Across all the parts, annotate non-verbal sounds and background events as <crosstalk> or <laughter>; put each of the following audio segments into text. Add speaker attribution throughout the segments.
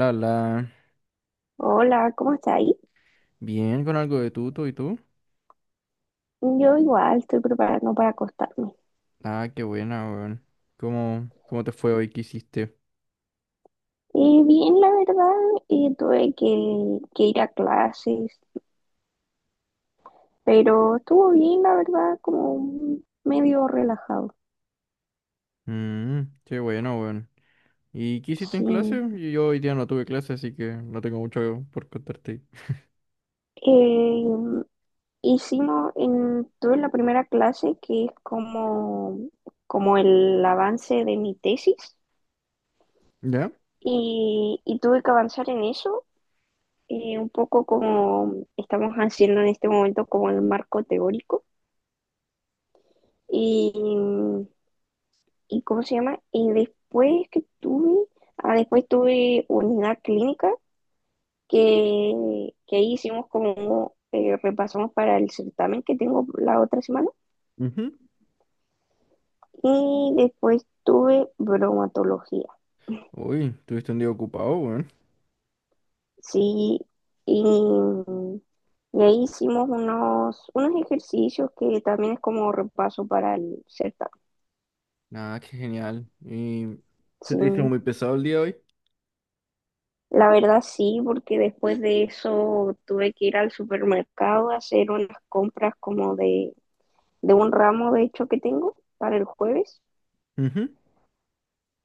Speaker 1: La, la,
Speaker 2: Hola, ¿cómo está ahí?
Speaker 1: bien con algo de tuto y tú.
Speaker 2: Yo igual estoy preparando para acostarme.
Speaker 1: Ah, qué buena, weón. ¿Cómo te fue hoy? ¿Qué hiciste?
Speaker 2: Y bien, la verdad, tuve que ir a clases, pero estuvo bien, la verdad, como medio relajado.
Speaker 1: Mm, qué bueno, weón. ¿Y qué hiciste en
Speaker 2: Sí.
Speaker 1: clase? Yo hoy día no tuve clase, así que no tengo mucho por contarte.
Speaker 2: Eh, tuve la primera clase que es como, como el avance de mi tesis
Speaker 1: ¿Ya?
Speaker 2: y tuve que avanzar en eso, un poco como estamos haciendo en este momento como el marco teórico. Y, y ¿cómo se llama? Después tuve unidad clínica que ahí hicimos como, repasamos para el certamen que tengo la otra semana.
Speaker 1: Ujú.
Speaker 2: Y después tuve bromatología,
Speaker 1: Uy, tuviste un día ocupado, weón.
Speaker 2: sí, y, y ahí hicimos unos ejercicios que también es como repaso para el certamen,
Speaker 1: Ah, qué genial. ¿Y se
Speaker 2: sí.
Speaker 1: te hizo muy pesado el día hoy?
Speaker 2: La verdad sí, porque después de eso tuve que ir al supermercado a hacer unas compras como de un ramo de hecho que tengo para el jueves.
Speaker 1: Ujú.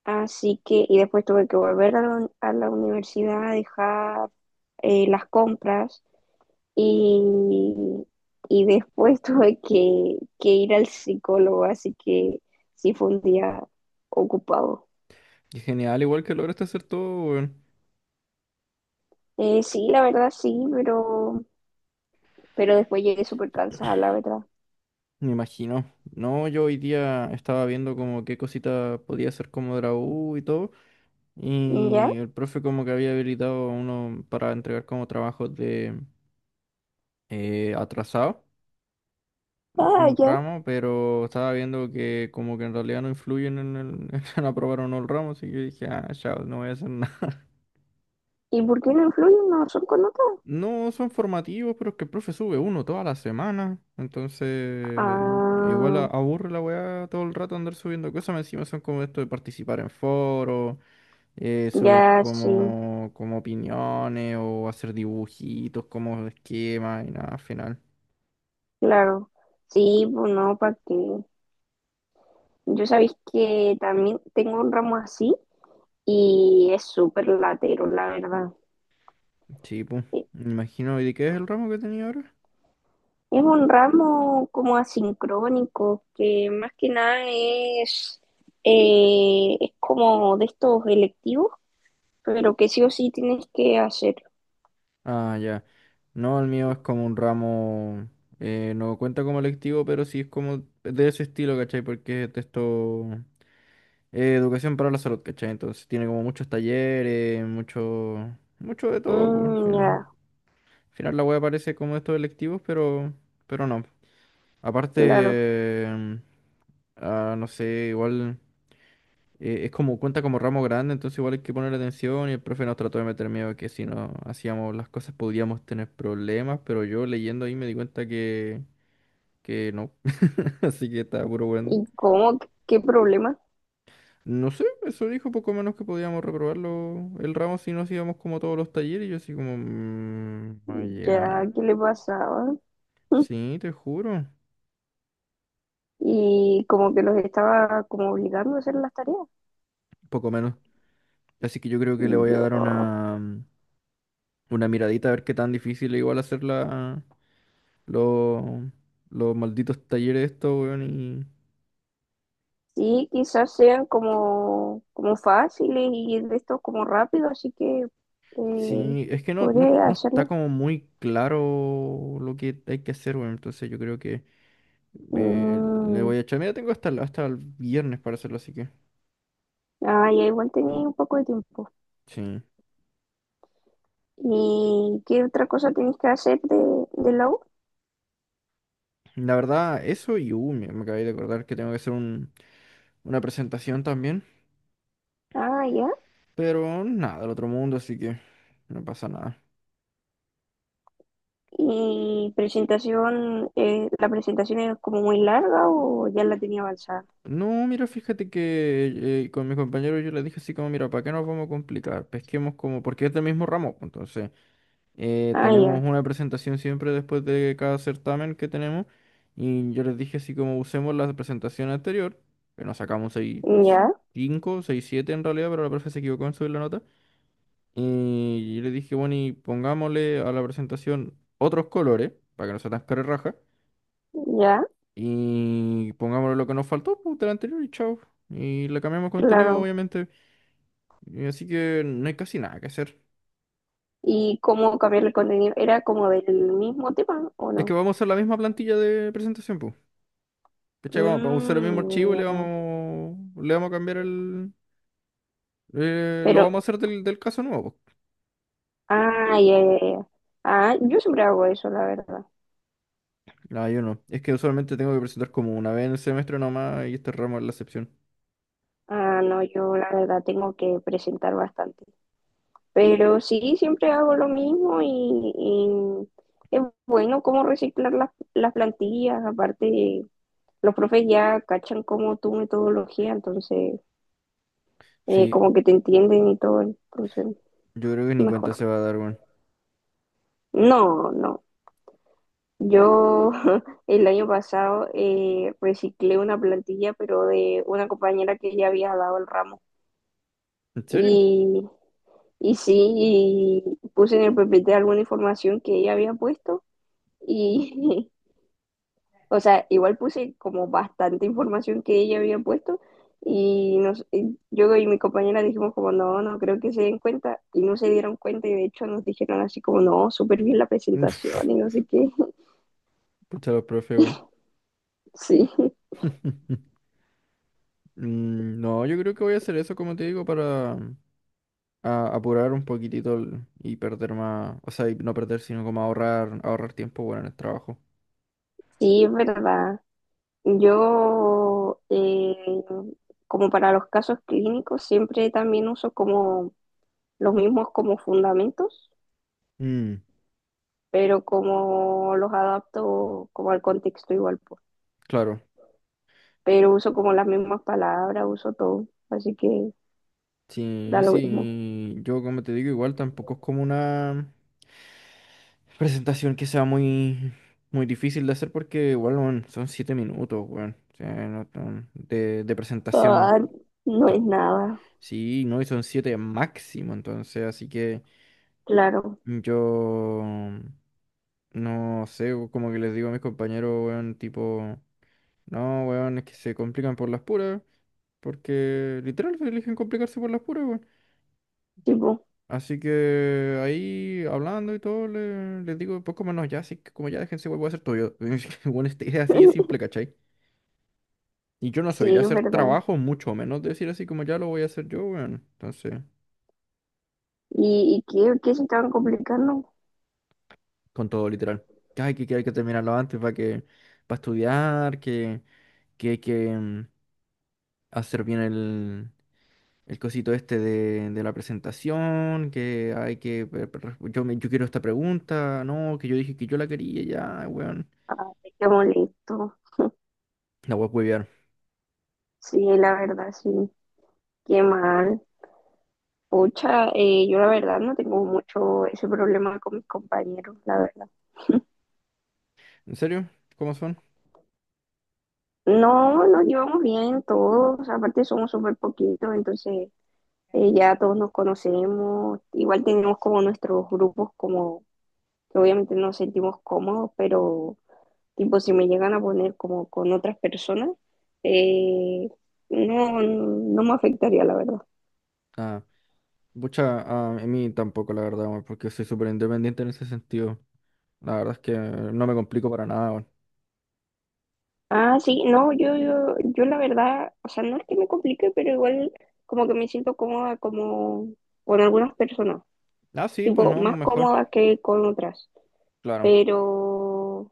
Speaker 2: Así que, y después tuve que volver a la universidad a dejar las compras y, y después <laughs> tuve que ir al psicólogo, así que sí fue un día ocupado.
Speaker 1: Qué genial, igual que lograste hacer todo, weón.
Speaker 2: Sí, la verdad sí, pero después llegué súper cansada, la verdad.
Speaker 1: Me imagino. No, yo hoy día estaba viendo como qué cosita podía hacer como de la U y todo.
Speaker 2: ¿Ya?
Speaker 1: Y el profe como que había habilitado a uno para entregar como trabajos de atrasado de
Speaker 2: Ah,
Speaker 1: un
Speaker 2: ya.
Speaker 1: ramo, pero estaba viendo que como que en realidad no influyen en el <laughs> en aprobar o no el ramo, así que dije, ah, chao, no voy a hacer nada. <laughs>
Speaker 2: ¿Y por qué no influyen una son con otra?
Speaker 1: No son formativos, pero es que el profe sube uno toda la semana, entonces igual
Speaker 2: Ah,
Speaker 1: aburre la weá todo el rato andar subiendo cosas, más encima son como esto de participar en foros subir
Speaker 2: ya sí,
Speaker 1: como opiniones o hacer dibujitos como esquemas y nada, al final.
Speaker 2: claro. Sí, pues no, para que. Yo sabéis que también tengo un ramo así y es súper latero, la verdad.
Speaker 1: Sí, pues.
Speaker 2: E-
Speaker 1: Me imagino, ¿y de qué es el ramo que tenía ahora?
Speaker 2: Es un ramo como asincrónico, que más que nada es como de estos electivos, pero que sí o sí tienes que hacer.
Speaker 1: Ah, ya. No, el mío es como un ramo, no cuenta como electivo, pero sí es como de ese estilo, ¿cachai? Porque es de esto, educación para la salud, ¿cachai? Entonces tiene como muchos talleres, mucho, mucho de todo, pues, al
Speaker 2: Mm,
Speaker 1: final.
Speaker 2: ya,
Speaker 1: Al final la web parece como de estos electivos, pero no.
Speaker 2: claro.
Speaker 1: Aparte, ah, no sé, igual es como cuenta como ramo grande, entonces igual hay que poner atención y el profe nos trató de meter miedo de que si no hacíamos las cosas podríamos tener problemas, pero yo leyendo ahí me di cuenta que no, <laughs> así que estaba puro bueno.
Speaker 2: ¿Y cómo? ¿Qué problema?
Speaker 1: No sé, eso dijo poco menos que podíamos reprobarlo el ramo si no hacíamos como todos los talleres, y yo así como, "Mm,
Speaker 2: Ya,
Speaker 1: vaya,
Speaker 2: ¿qué le pasaba? <laughs>
Speaker 1: sí, te juro,
Speaker 2: Y como que los estaba como obligando a hacer las tareas.
Speaker 1: poco menos". Así que yo creo que le voy a
Speaker 2: Yo,
Speaker 1: dar una miradita a ver qué tan difícil es igual hacerla. Los, los malditos talleres estos, weón, y...
Speaker 2: sí, quizás sean como fáciles y de esto como rápido, así que eh,
Speaker 1: Sí, es que
Speaker 2: podría
Speaker 1: no está
Speaker 2: hacerlo.
Speaker 1: como muy claro lo que hay que hacer, weón. Entonces yo creo que le
Speaker 2: Mm,
Speaker 1: voy a echar. Mira, tengo hasta el viernes para hacerlo, así que...
Speaker 2: ah, ya igual tenía un poco de tiempo.
Speaker 1: Sí.
Speaker 2: ¿Y qué otra cosa tenéis que hacer de la U?
Speaker 1: La verdad, eso y... me acabé de acordar que tengo que hacer una presentación también.
Speaker 2: Ah, ya.
Speaker 1: Pero nada, del otro mundo, así que no pasa nada.
Speaker 2: ¿Y la presentación es como muy larga o ya la tenía avanzada?
Speaker 1: No, mira, fíjate que con mis compañeros yo les dije así como, mira, ¿para qué nos vamos a complicar? Pesquemos como, porque es del mismo ramo, pues, entonces...
Speaker 2: Ah,
Speaker 1: tenemos
Speaker 2: ya.
Speaker 1: una presentación siempre después de cada certamen que tenemos. Y yo les dije así como usemos la presentación anterior, que nos sacamos 6,
Speaker 2: Ya.
Speaker 1: 5 6 7 en realidad, pero la profe se equivocó en subir la nota. Y yo les dije, bueno, y pongámosle a la presentación otros colores, para que no sea tan carerraja.
Speaker 2: Ya,
Speaker 1: Y pongámosle lo que nos faltó pues, del anterior y chao. Y le cambiamos contenido,
Speaker 2: claro.
Speaker 1: obviamente. Y así que no hay casi nada que hacer.
Speaker 2: ¿Y cómo cambiar el contenido? ¿Era como del mismo tema o
Speaker 1: Es que
Speaker 2: no?
Speaker 1: vamos a hacer la misma plantilla de presentación, pues. ¿Cachai? Vamos a usar el mismo archivo y
Speaker 2: Mm, ya.
Speaker 1: le vamos a cambiar el... Lo
Speaker 2: Pero,
Speaker 1: vamos a hacer del caso nuevo, po.
Speaker 2: ah, ya, ya, ya. Ah, yo siempre hago eso, la verdad.
Speaker 1: No, yo no. Es que usualmente tengo que presentar como una vez en el semestre nomás y este ramo es la excepción.
Speaker 2: Ah, no, yo la verdad tengo que presentar bastante. Pero sí, siempre hago lo mismo y es bueno cómo reciclar las plantillas. Aparte, los profes ya cachan como tu metodología, entonces,
Speaker 1: Sí,
Speaker 2: como que te entienden y todo, entonces,
Speaker 1: yo creo que ni cuenta
Speaker 2: mejor.
Speaker 1: se va a dar, weón.
Speaker 2: No, no. Yo <laughs> el año pasado reciclé una plantilla, pero de una compañera que ya había dado el ramo.
Speaker 1: ¿En serio?
Speaker 2: Y, y sí, y puse en el PPT alguna información que ella había puesto. Y, <laughs> o sea, igual puse como bastante información que ella había puesto. Y yo y mi compañera dijimos como, no, no creo que se den cuenta. Y no se dieron cuenta y de hecho nos dijeron así como, no, súper bien la
Speaker 1: <laughs> Uf,
Speaker 2: presentación y no sé qué. <laughs>
Speaker 1: pucha los profes, weón.
Speaker 2: Sí,
Speaker 1: <laughs> Mm, no, yo creo que voy a hacer eso, como te digo, para apurar un poquitito el- y perder más, o sea, y no perder, sino como ahorrar, ahorrar tiempo, bueno, en el trabajo.
Speaker 2: sí, es verdad. Yo, eh, Como para los casos clínicos, siempre también uso como los mismos como fundamentos,
Speaker 1: Mm,
Speaker 2: pero como los adapto como al contexto igual, po.
Speaker 1: claro.
Speaker 2: Pero uso como las mismas palabras, uso todo, así que
Speaker 1: Sí,
Speaker 2: da lo mismo.
Speaker 1: sí, yo como te digo, igual tampoco es como una presentación que sea muy difícil de hacer porque igual weón, son siete minutos, weón, o sea, no tan- de presentación.
Speaker 2: Ah, no
Speaker 1: To-
Speaker 2: es nada,
Speaker 1: Sí, no, y son siete máximo, entonces, así que
Speaker 2: claro,
Speaker 1: yo no sé, o como que les digo a mis compañeros, weón, tipo, no, weón, es que se complican por las puras, porque literal se eligen complicarse por las puras, weón.
Speaker 2: tipo,
Speaker 1: Así que ahí hablando y todo, les digo, pues como no, ya, así que como ya déjense, voy a hacer todo yo. <laughs> Es que, bueno, esta idea así de simple,
Speaker 2: <laughs>
Speaker 1: ¿cachai? Y yo no soy de
Speaker 2: sí, es
Speaker 1: hacer
Speaker 2: verdad.
Speaker 1: trabajo, mucho menos de decir así como ya lo voy a hacer yo, weón. Entonces,
Speaker 2: ¿Y qué se estaban complicando?
Speaker 1: con todo literal. Que hay que terminarlo antes para estudiar, que hay que hacer bien el cosito este de la presentación, que hay que, yo quiero esta pregunta, no, que yo dije que yo la quería, ya, weón.
Speaker 2: Ah, qué molesto,
Speaker 1: La voy a...
Speaker 2: sí, la verdad, sí, qué mal. Pucha, yo la verdad no tengo mucho ese problema con mis compañeros, la verdad.
Speaker 1: ¿En serio? ¿Cómo son?
Speaker 2: No, nos llevamos bien todos, aparte somos súper poquitos, entonces ya todos nos conocemos, igual tenemos como nuestros grupos como que obviamente nos sentimos cómodos, pero tipo si me llegan a poner como con otras personas, eh, no, no me afectaría, la verdad.
Speaker 1: Ah, pucha, ah, a mí tampoco, la verdad, weón, porque soy súper independiente en ese sentido. La verdad es que no me complico para nada, weón.
Speaker 2: Ah, sí, no, yo la verdad, o sea, no es que me complique, pero igual como que me siento cómoda como con algunas personas,
Speaker 1: Ah, sí, pues
Speaker 2: tipo,
Speaker 1: no,
Speaker 2: más
Speaker 1: mejor,
Speaker 2: cómoda que con otras,
Speaker 1: claro.
Speaker 2: pero,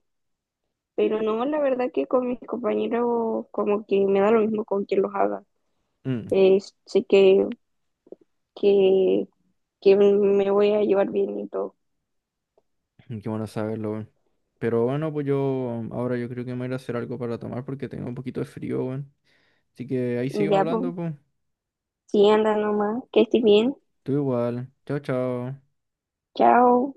Speaker 2: pero no, la verdad que con mis compañeros como que me da lo mismo con quien los haga,
Speaker 1: Mm,
Speaker 2: Eh, sé que, que me voy a llevar bien y todo.
Speaker 1: <clears throat> qué bueno saberlo, weón. Pero bueno, pues yo ahora yo creo que me voy a ir a hacer algo para tomar porque tengo un poquito de frío, weón. Así que ahí seguimos
Speaker 2: Ya,
Speaker 1: hablando,
Speaker 2: pues,
Speaker 1: pues.
Speaker 2: sí, anda nomás, que estés bien,
Speaker 1: Tú igual. Chao, chao.
Speaker 2: chao.